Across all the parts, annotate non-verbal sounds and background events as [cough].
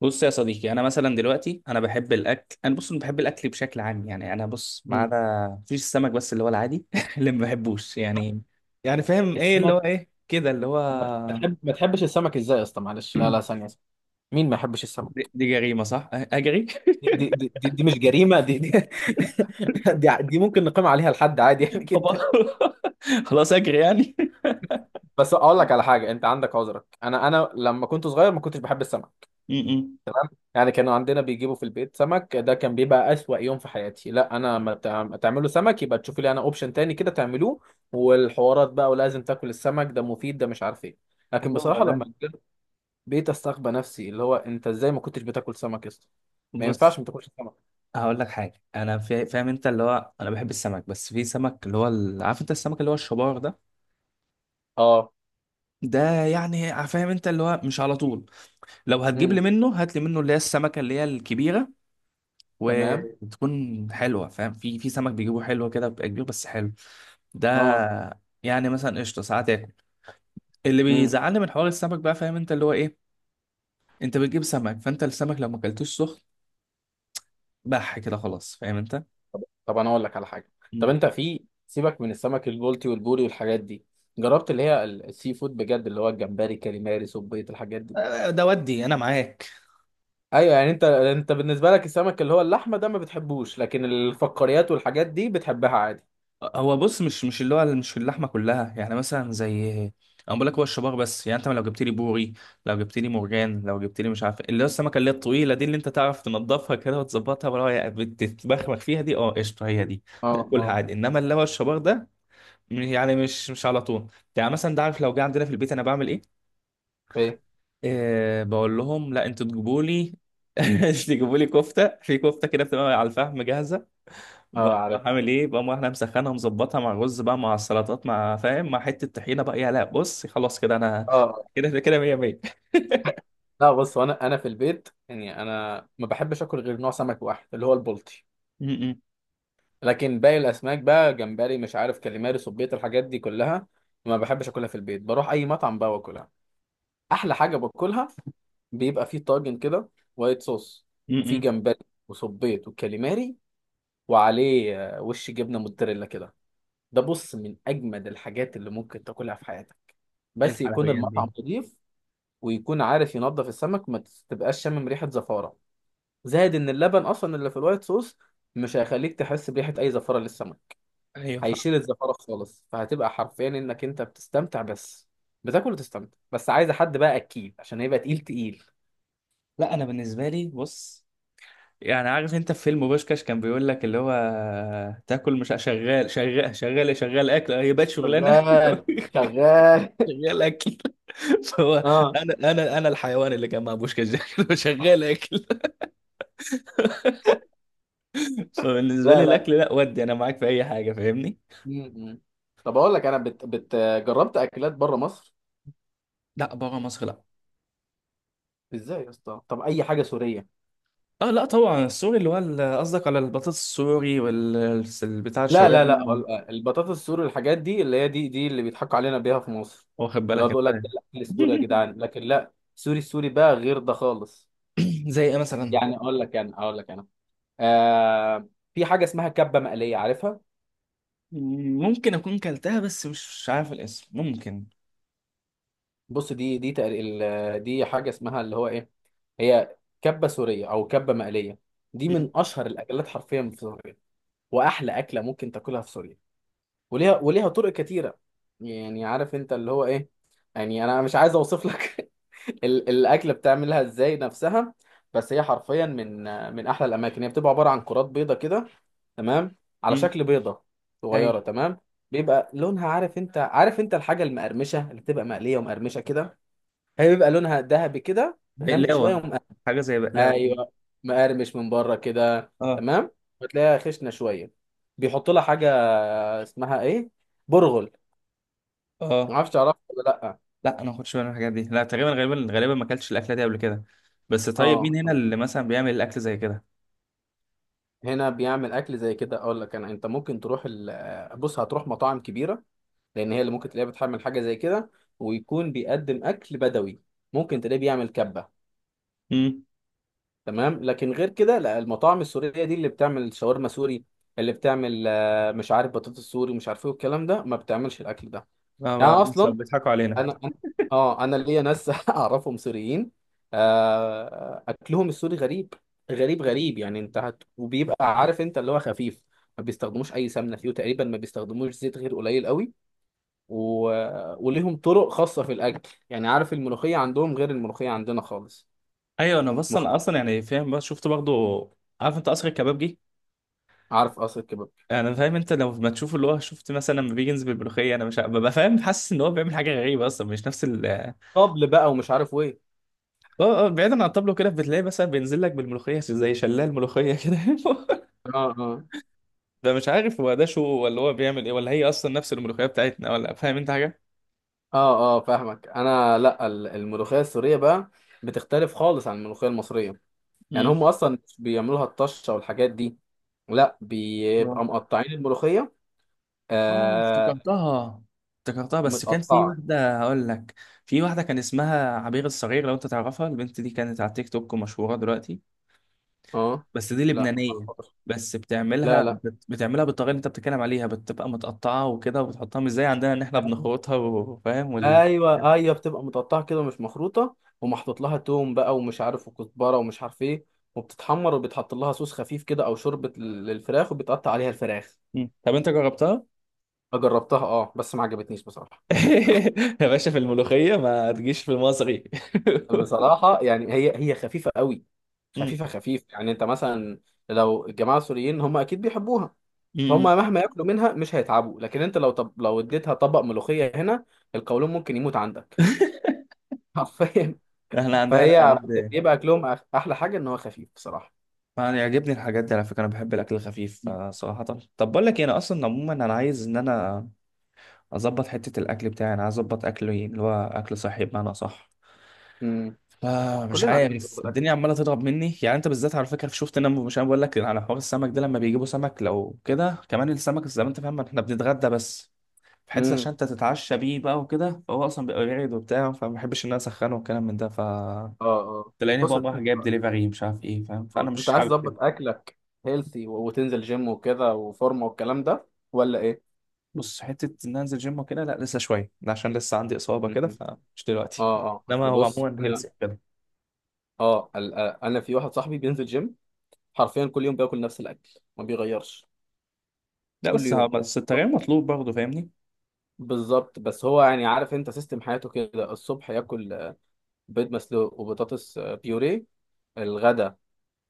بص يا صديقي، انا مثلا دلوقتي انا بحب الاكل انا بص أنا بحب الاكل بشكل عام. يعني انا بص، ما مم. عدا مفيش السمك، بس اللي هو العادي [laughs] اللي ما بحبوش. يعني يعني فاهم ايه اللي هو السمك، ايه كده اللي ما هو؟ تحب... ما تحبش السمك ازاي يا اسطى؟ معلش، لا لا ثانيه ثانية. مين ما يحبش السمك؟ دي جريمه صح. اجري. دي مش جريمه، [laughs] دي ممكن نقيم عليها لحد عادي يعني [laughs] طب. [laughs] كده. خلاص اجري يعني. بس اقول لك على حاجه، انت عندك عذرك، انا لما كنت صغير ما كنتش بحب السمك. [laughs] م-م. تمام، يعني كانوا عندنا بيجيبوا في البيت سمك، ده كان بيبقى اسوأ يوم في حياتي. لا انا ما تعملوا سمك، يبقى تشوفي لي انا اوبشن تاني كده تعملوه. والحوارات بقى، ولازم تاكل السمك ده مفيد، ده مش عارف ايه. لكن هو بصراحه ده. لما بقيت استغبى نفسي، اللي هو انت ازاي ما كنتش بتاكل سمك يا اسطى؟ ما ينفعش بص ما تاكلش سمك. هقول لك حاجه، انا فاهم انت، اللي هو انا بحب السمك، بس في سمك اللي هو عارف انت السمك اللي هو الشبار ده؟ اه. ده يعني فاهم انت اللي هو مش على طول. لو هتجيب لي امم. منه، هات لي منه اللي هي السمكه اللي هي الكبيره تمام. وتكون حلوه. فاهم؟ في سمك بيجيبوه حلو كده، بيبقى كبير بس حلو. ده اه. يعني مثلا قشطه ساعات اكل. اللي امم. بيزعلني من حوار السمك بقى، فاهم انت اللي هو ايه، انت بتجيب سمك، فانت السمك لو ما اكلتوش سخن بح كده، خلاص. فاهم انت؟ طب انا اقول لك على حاجه. طب مم. انت في، سيبك من السمك البلطي والبوري والحاجات دي، جربت السي فود بجد، اللي هو الجمبري، كاليماري، صبيط، الحاجات دي؟ آه، ده ودي انا معاك. ايوه يعني، انت بالنسبه لك السمك اللي هو اللحمه ده ما بتحبوش، لكن الفقاريات والحاجات دي بتحبها عادي. هو بص، مش اللي هو مش اللحمه كلها، يعني مثلا زي، انا بقول لك هو الشبار بس. يعني انت لو جبت لي بوري، لو جبت لي مرجان، لو جبت لي مش عارف اللي هو السمكه اللي هي الطويله دي، اللي انت تعرف تنضفها كده وتظبطها، ولا هي بتتبخبخ فيها دي، اه قشطه هي دي. اه ده اه. كلها عادي، انما اللي هو الشبار ده، يعني مش على طول. يعني مثلا ده، عارف لو جه عندنا في البيت انا بعمل ايه؟ ايه. أه، بقول لهم لا، انتوا تجيبوا لي [laughs] تجيبوا لي كفته، في كفته كده بتبقى على الفحم جاهزه، اه، بقوم رايح عارفها. عامل ايه، بقوم رايح انا مسخنها مظبطها مع الرز بقى، مع السلطات، مع فاهم، مع حته طحينه بقى، يا لا بص خلاص كده انا اه. [laughs] كده كده 100 100. لا بص، انا في البيت يعني، انا ما بحبش اكل غير نوع سمك واحد اللي هو البلطي. امم. لكن باقي الاسماك بقى، جمبري، مش عارف، كاليماري، صبيط، الحاجات دي كلها ما بحبش اكلها في البيت. بروح اي مطعم بقى واكلها. احلى حاجه باكلها، بيبقى فيه طاجن كده، وايت صوص، وفيه امم. جمبري، وصبيط، وكاليماري، وعليه آه، وش جبنه موتزاريلا كده. ده بص من اجمد الحاجات اللي ممكن تاكلها في حياتك. ايه بس يكون الحلويات المطعم دي؟ نضيف، ويكون عارف ينظف السمك، ما تبقاش شامم ريحه زفاره. زائد ان اللبن اصلا اللي في الوايت صوص مش هيخليك تحس بريحه اي زفاره للسمك. ايوه فاهم. هيشيل الزفارة خالص، فهتبقى حرفيا انك انت بتستمتع بس، بتاكل وتستمتع بس. عايزة حد بقى اكيد، عشان هيبقى تقيل تقيل. لا انا بالنسبه لي بص، يعني عارف انت في فيلم بوشكاش كان بيقول لك اللي هو، تاكل مش شغال، شغال شغال شغال اكل، هي بقت شغلانه. شغال شغال. [laughs] شغال اكل. [laughs] فهو، اه. انا الحيوان اللي كان مع بوشكاش ده. [laughs] شغال اكل. فبالنسبه لا لي لا. الاكل لا، ودي انا معاك في اي حاجه فاهمني. م- م. طب اقول لك، جربت اكلات بره مصر. لا بره مصر لا. ازاي يا اسطى؟ طب اي حاجه سوريه. اه لا طبعا السوري اللي هو قصدك على البطاطس السوري، وال ال- بتاع لا لا الشاورما لا ال- البطاطس السوري الحاجات دي اللي هي، دي اللي بيضحكوا علينا بيها في مصر. واخد اللي هو بالك بيقول انت؟ [clears throat] لك ده يعني. الاكل السوري يا جدعان، لكن لا، سوري، السوري بقى غير ده خالص. [laughs] زي ايه مثلا؟ يعني اقول لك انا، اقول لك انا. آه. في حاجه اسمها كبه مقليه، عارفها؟ ممكن اكون كلتها بس مش عارف الاسم، ممكن. بص دي دي حاجه اسمها اللي هو ايه، هي كبه سوريه او كبه مقليه. دي [laughs] مم. من اشهر الاكلات حرفيا في سوريا، واحلى اكله ممكن تاكلها في سوريا. وليها، وليها طرق كتيره. يعني عارف انت اللي هو ايه، يعني انا مش عايز اوصف لك [laughs] الاكله بتعملها ازاي نفسها. بس هي حرفيا من، من احلى الاماكن. هي بتبقى عباره عن كرات بيضه كده، تمام، على مم. شكل بيضه اي. صغيره. تمام. بيبقى لونها، عارف انت، عارف انت الحاجه المقرمشه اللي بتبقى مقليه ومقرمشه كده، هي بيبقى لونها ذهبي كده، غامق شويه، بقلاوه، ومقرمش. حاجه زي بقلاوه كده. ايوه، مقرمش من بره كده. اه تمام. وتلاقيها خشنه شويه. بيحط لها حاجه اسمها ايه، برغل. ما اه. اعرفش تعرفها ولا لا. لا انا ما كنتش بعمل الحاجات دي، لا تقريبا، غالبا غالبا ما اكلتش الاكله دي قبل كده. بس طيب مين اه. هنا اللي مثلا بيعمل الاكل زي كده؟ هنا بيعمل اكل زي كده، اقول لك انا، انت ممكن تروح ال... بص هتروح مطاعم كبيره، لان هي اللي ممكن تلاقيها بتحمل حاجه زي كده، ويكون بيقدم اكل بدوي، ممكن تلاقيه بيعمل كبه. امم. تمام. لكن غير كده لا، المطاعم السوريه دي اللي بتعمل شاورما سوري، اللي بتعمل آه، مش عارف بطاطس سوري، مش عارف ايه والكلام ده، ما بتعملش الاكل ده يعني اصلا. بيضحكوا علينا. انا أنا- اه، انا ليا ناس [laughs] اعرفهم سوريين. آه، اكلهم السوري غريب، غريب، غريب. يعني انت هت... وبيبقى عارف انت اللي هو خفيف. ما بيستخدموش اي سمنه فيه، وتقريبا ما بيستخدموش زيت غير قليل قوي. و... وليهم طرق خاصة في الأكل. يعني عارف الملوخية عندهم غير الملوخية عندنا خالص. ايوه انا، بس مخ... انا اصلا يعني فاهم، بس شفت برضه، عارف انت قصر الكبابجي؟ عارف قصر الكباب، انا فاهم انت، لو ما تشوف اللي هو، شفت مثلا لما بيجي ينزل بالملوخيه، انا مش ه- ببقى فاهم حاسس ان هو بيعمل حاجه غريبه اصلا، مش نفس ال، طبل بقى ومش عارف ايه. اه اه، بعيدا عن الطبلو كده بتلاقي مثلا بينزل لك بالملوخيه زي شلال ملوخيه كده. [laughs] اه اه. ده مش عارف هو ده شو، ولا هو بيعمل ايه، ولا هي اصلا نفس الملوخيه بتاعتنا، ولا فاهم انت حاجه؟ اه اه فاهمك انا. لا الملوخية السورية بقى بتختلف خالص عن الملوخية المصرية. يعني امم. هم اصلا مش بيعملوها الطشة والحاجات دي، لا آه. بيبقى مقطعين الملوخية. اه آه، افتكرتها. افتكرتها، بس كان في متقطعة. واحدة هقول لك، في واحدة كان اسمها عبير الصغير، لو انت تعرفها البنت دي، كانت على تيك توك ومشهورة دلوقتي. اه. بس دي لا لبنانية. بس لا بتعملها بالطريقة اللي انت بتتكلم عليها، بتبقى متقطعة وكده، وبتحطها مش زي عندنا ان احنا لا. بنخرطها وفاهم وال... ايوه ايوه، بتبقى متقطعه كده، مش مخروطه، ومحطوط لها توم بقى ومش عارف، وكزبره ومش عارف ايه، وبتتحمر، وبيتحط لها صوص خفيف كده، او شوربه للفراخ، وبيتقطع عليها الفراخ. مم. طب انت جربتها؟ جربتها اه بس ما عجبتنيش بصراحه. [laughs] يا باشا، في الملوخية ما تجيش في المصري. بصراحه يعني هي، هي خفيفه قوي، [laughs] مم. خفيفه خفيف. يعني انت مثلا، لو الجماعه السوريين هم اكيد بيحبوها، فهم مم. مهما ياكلوا منها مش هيتعبوا. لكن انت لو، طب لو اديتها طبق ملوخيه هنا، القولون ممكن يموت عندك [laughs] حرفيا. احنا عندنا لا فهي بجد. بيبقى اكلهم احلى حاجه ان هو خفيف بصراحه. انا يعجبني الحاجات دي على فكره، انا بحب الاكل الخفيف آه، صراحه. طب بقول لك إيه، انا اصلا عموما انا عايز ان انا اظبط حته الاكل بتاعي، انا عايز اظبط اكلي اللي هو اكل صحي بمعنى صح. امم. آه مش كلنا عايزين عارف نظبط اكل. الدنيا عماله تضرب مني. يعني انت بالذات على فكره شفت، انا مش، انا بقول لك على حوار السمك ده، لما بيجيبوا سمك لو كده كمان، السمك زي ما انت فاهم، احنا بنتغدى بس في حته عشان امم. انت تتعشى بيه بقى وكده، فهو اصلا بيبقى بارد وبتاع، فما بحبش ان انا اسخنه والكلام من ده، ف اه اه، تلاقيني بص بقى رايح انت. جايب دليفري مش عارف ايه، فاهم؟ فانا آه. انت مش عايز حابب كده. تظبط اكلك هيلثي، وتنزل جيم وكده، وفورمه والكلام ده، ولا ايه؟ بص حته ان أنا انزل جيم وكده لا، لسه شويه ده، عشان لسه عندي اصابه كده أمم. فمش دلوقتي، اه اه، انما اصل هو بص عموما انا. هيلث كده. اه آه، انا في واحد صاحبي بينزل جيم، حرفيا كل يوم بياكل نفس الاكل، ما بيغيرش، لا كل بس يوم. بس التغيير مطلوب برضه، فاهمني؟ بالظبط. بس هو يعني عارف انت سيستم حياته كده، الصبح ياكل آه، بيض مسلوق وبطاطس آه، بيوريه. الغدا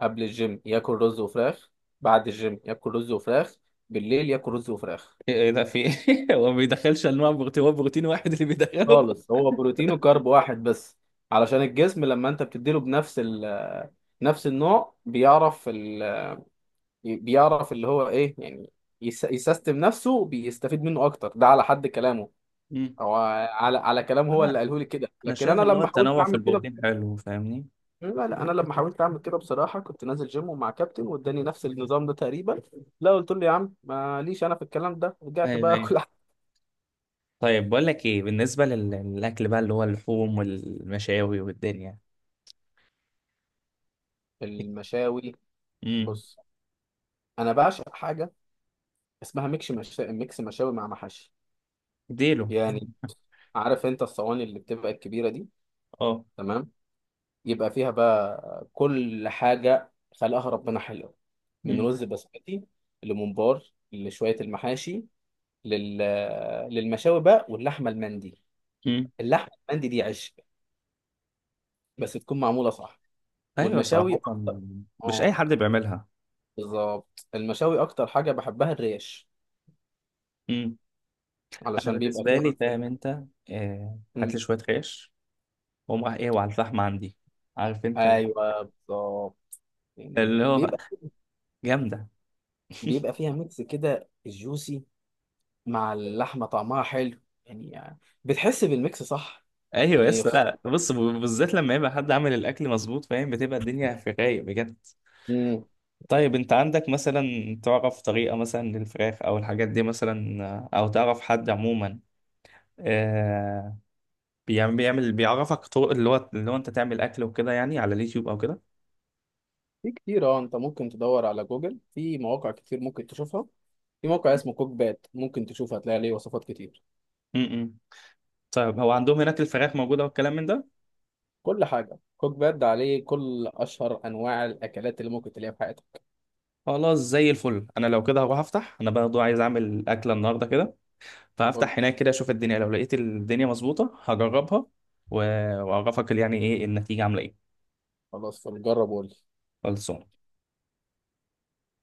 قبل الجيم ياكل رز وفراخ، بعد الجيم ياكل رز وفراخ، بالليل ياكل رز وفراخ. ايه إيه ده في ايه [laughs] هو ما بيدخلش انواع بروتين؟ هو بروتين واحد اللي بيدخله؟ خالص، هو بروتين وكارب واحد بس، علشان الجسم لما انت بتديله بنفس ال آه، نفس النوع، بيعرف اللي هو ايه يعني، يسيستم نفسه بيستفيد منه اكتر، ده على حد كلامه، مم. او على على كلام هو انا اللي قاله لي كده. انا لكن شايف انا ان هو لما حاولت التنوع في اعمل كده، البروتين حلو، فاهمني؟ لا لا، انا لما حاولت اعمل كده بصراحه، كنت نازل جيم ومع كابتن واداني نفس النظام ده تقريبا، لا قلت له يا عم ماليش انا في الكلام ده، رجعت ايوه بقى ايوه. اكل. طيب بقول لك ايه، بالنسبه للاكل بقى اللي هو اللحوم والمشاوي والدنيا. [laughs] المشاوي. مم. بص انا بعشق حاجه اسمها ميكس مشاوي مع محاشي. اديله. يعني عارف انت الصواني اللي بتبقى الكبيره دي؟ اه. تمام. يبقى فيها بقى كل حاجه خلقها ربنا حلوه، من مم. رز بسمتي، لممبار، لشويه المحاشي، لل... للمشاوي بقى، واللحمه المندي. مم. اللحمه المندي دي عش، بس تكون معمولة صح. ايوه والمشاوي صراحه. أكتر. مش اي اه حد بيعملها. بالظبط، المشاوي أكتر حاجة بحبها الريش، مم. انا علشان بيبقى بالنسبه فيها لي عارف أنت. فاهم انت، آه، هات لي مم. شويه خيش، واقوم رايح ايه وعلى الفحم عندي، عارف انت أيوه بالظبط. يعني اللي هو بيبقى، جامده. بيبقى فيها ميكس كده جوسي، مع اللحمة طعمها حلو، يعني بتحس بالميكس صح. ايوه يعني يس. لا خصوصا. لا. بص، بالذات لما يبقى حد عامل الاكل مظبوط، فاهم بتبقى الدنيا في الرايق بجد. مم. طيب انت عندك مثلا تعرف طريقه مثلا للفراخ او الحاجات دي مثلا، او تعرف حد عموما آه بيعمل، بيعمل، بيعرفك طرق اللي هو اللي هو انت تعمل اكل وكده، يعني على اليوتيوب او كده؟ في كتير اه، أنت ممكن تدور على جوجل في مواقع كتير ممكن تشوفها. في موقع اسمه كوك بات ممكن تشوف، هتلاقي عليه وصفات كتير. امم. طيب هو عندهم هناك الفراخ موجوده والكلام من ده؟ كل حاجة كوك باد عليه، كل أشهر أنواع الأكلات اللي ممكن تلاقيها في حياتك. خلاص زي الفل. انا لو كده هروح افتح، انا برضه عايز اعمل اكله النهارده كده، قول. فهفتح هناك كده اشوف الدنيا، لو لقيت الدنيا مظبوطه هجربها واعرفك يعني ايه النتيجه عامله ايه. خلاص طب جرب وقول لي. خلصان.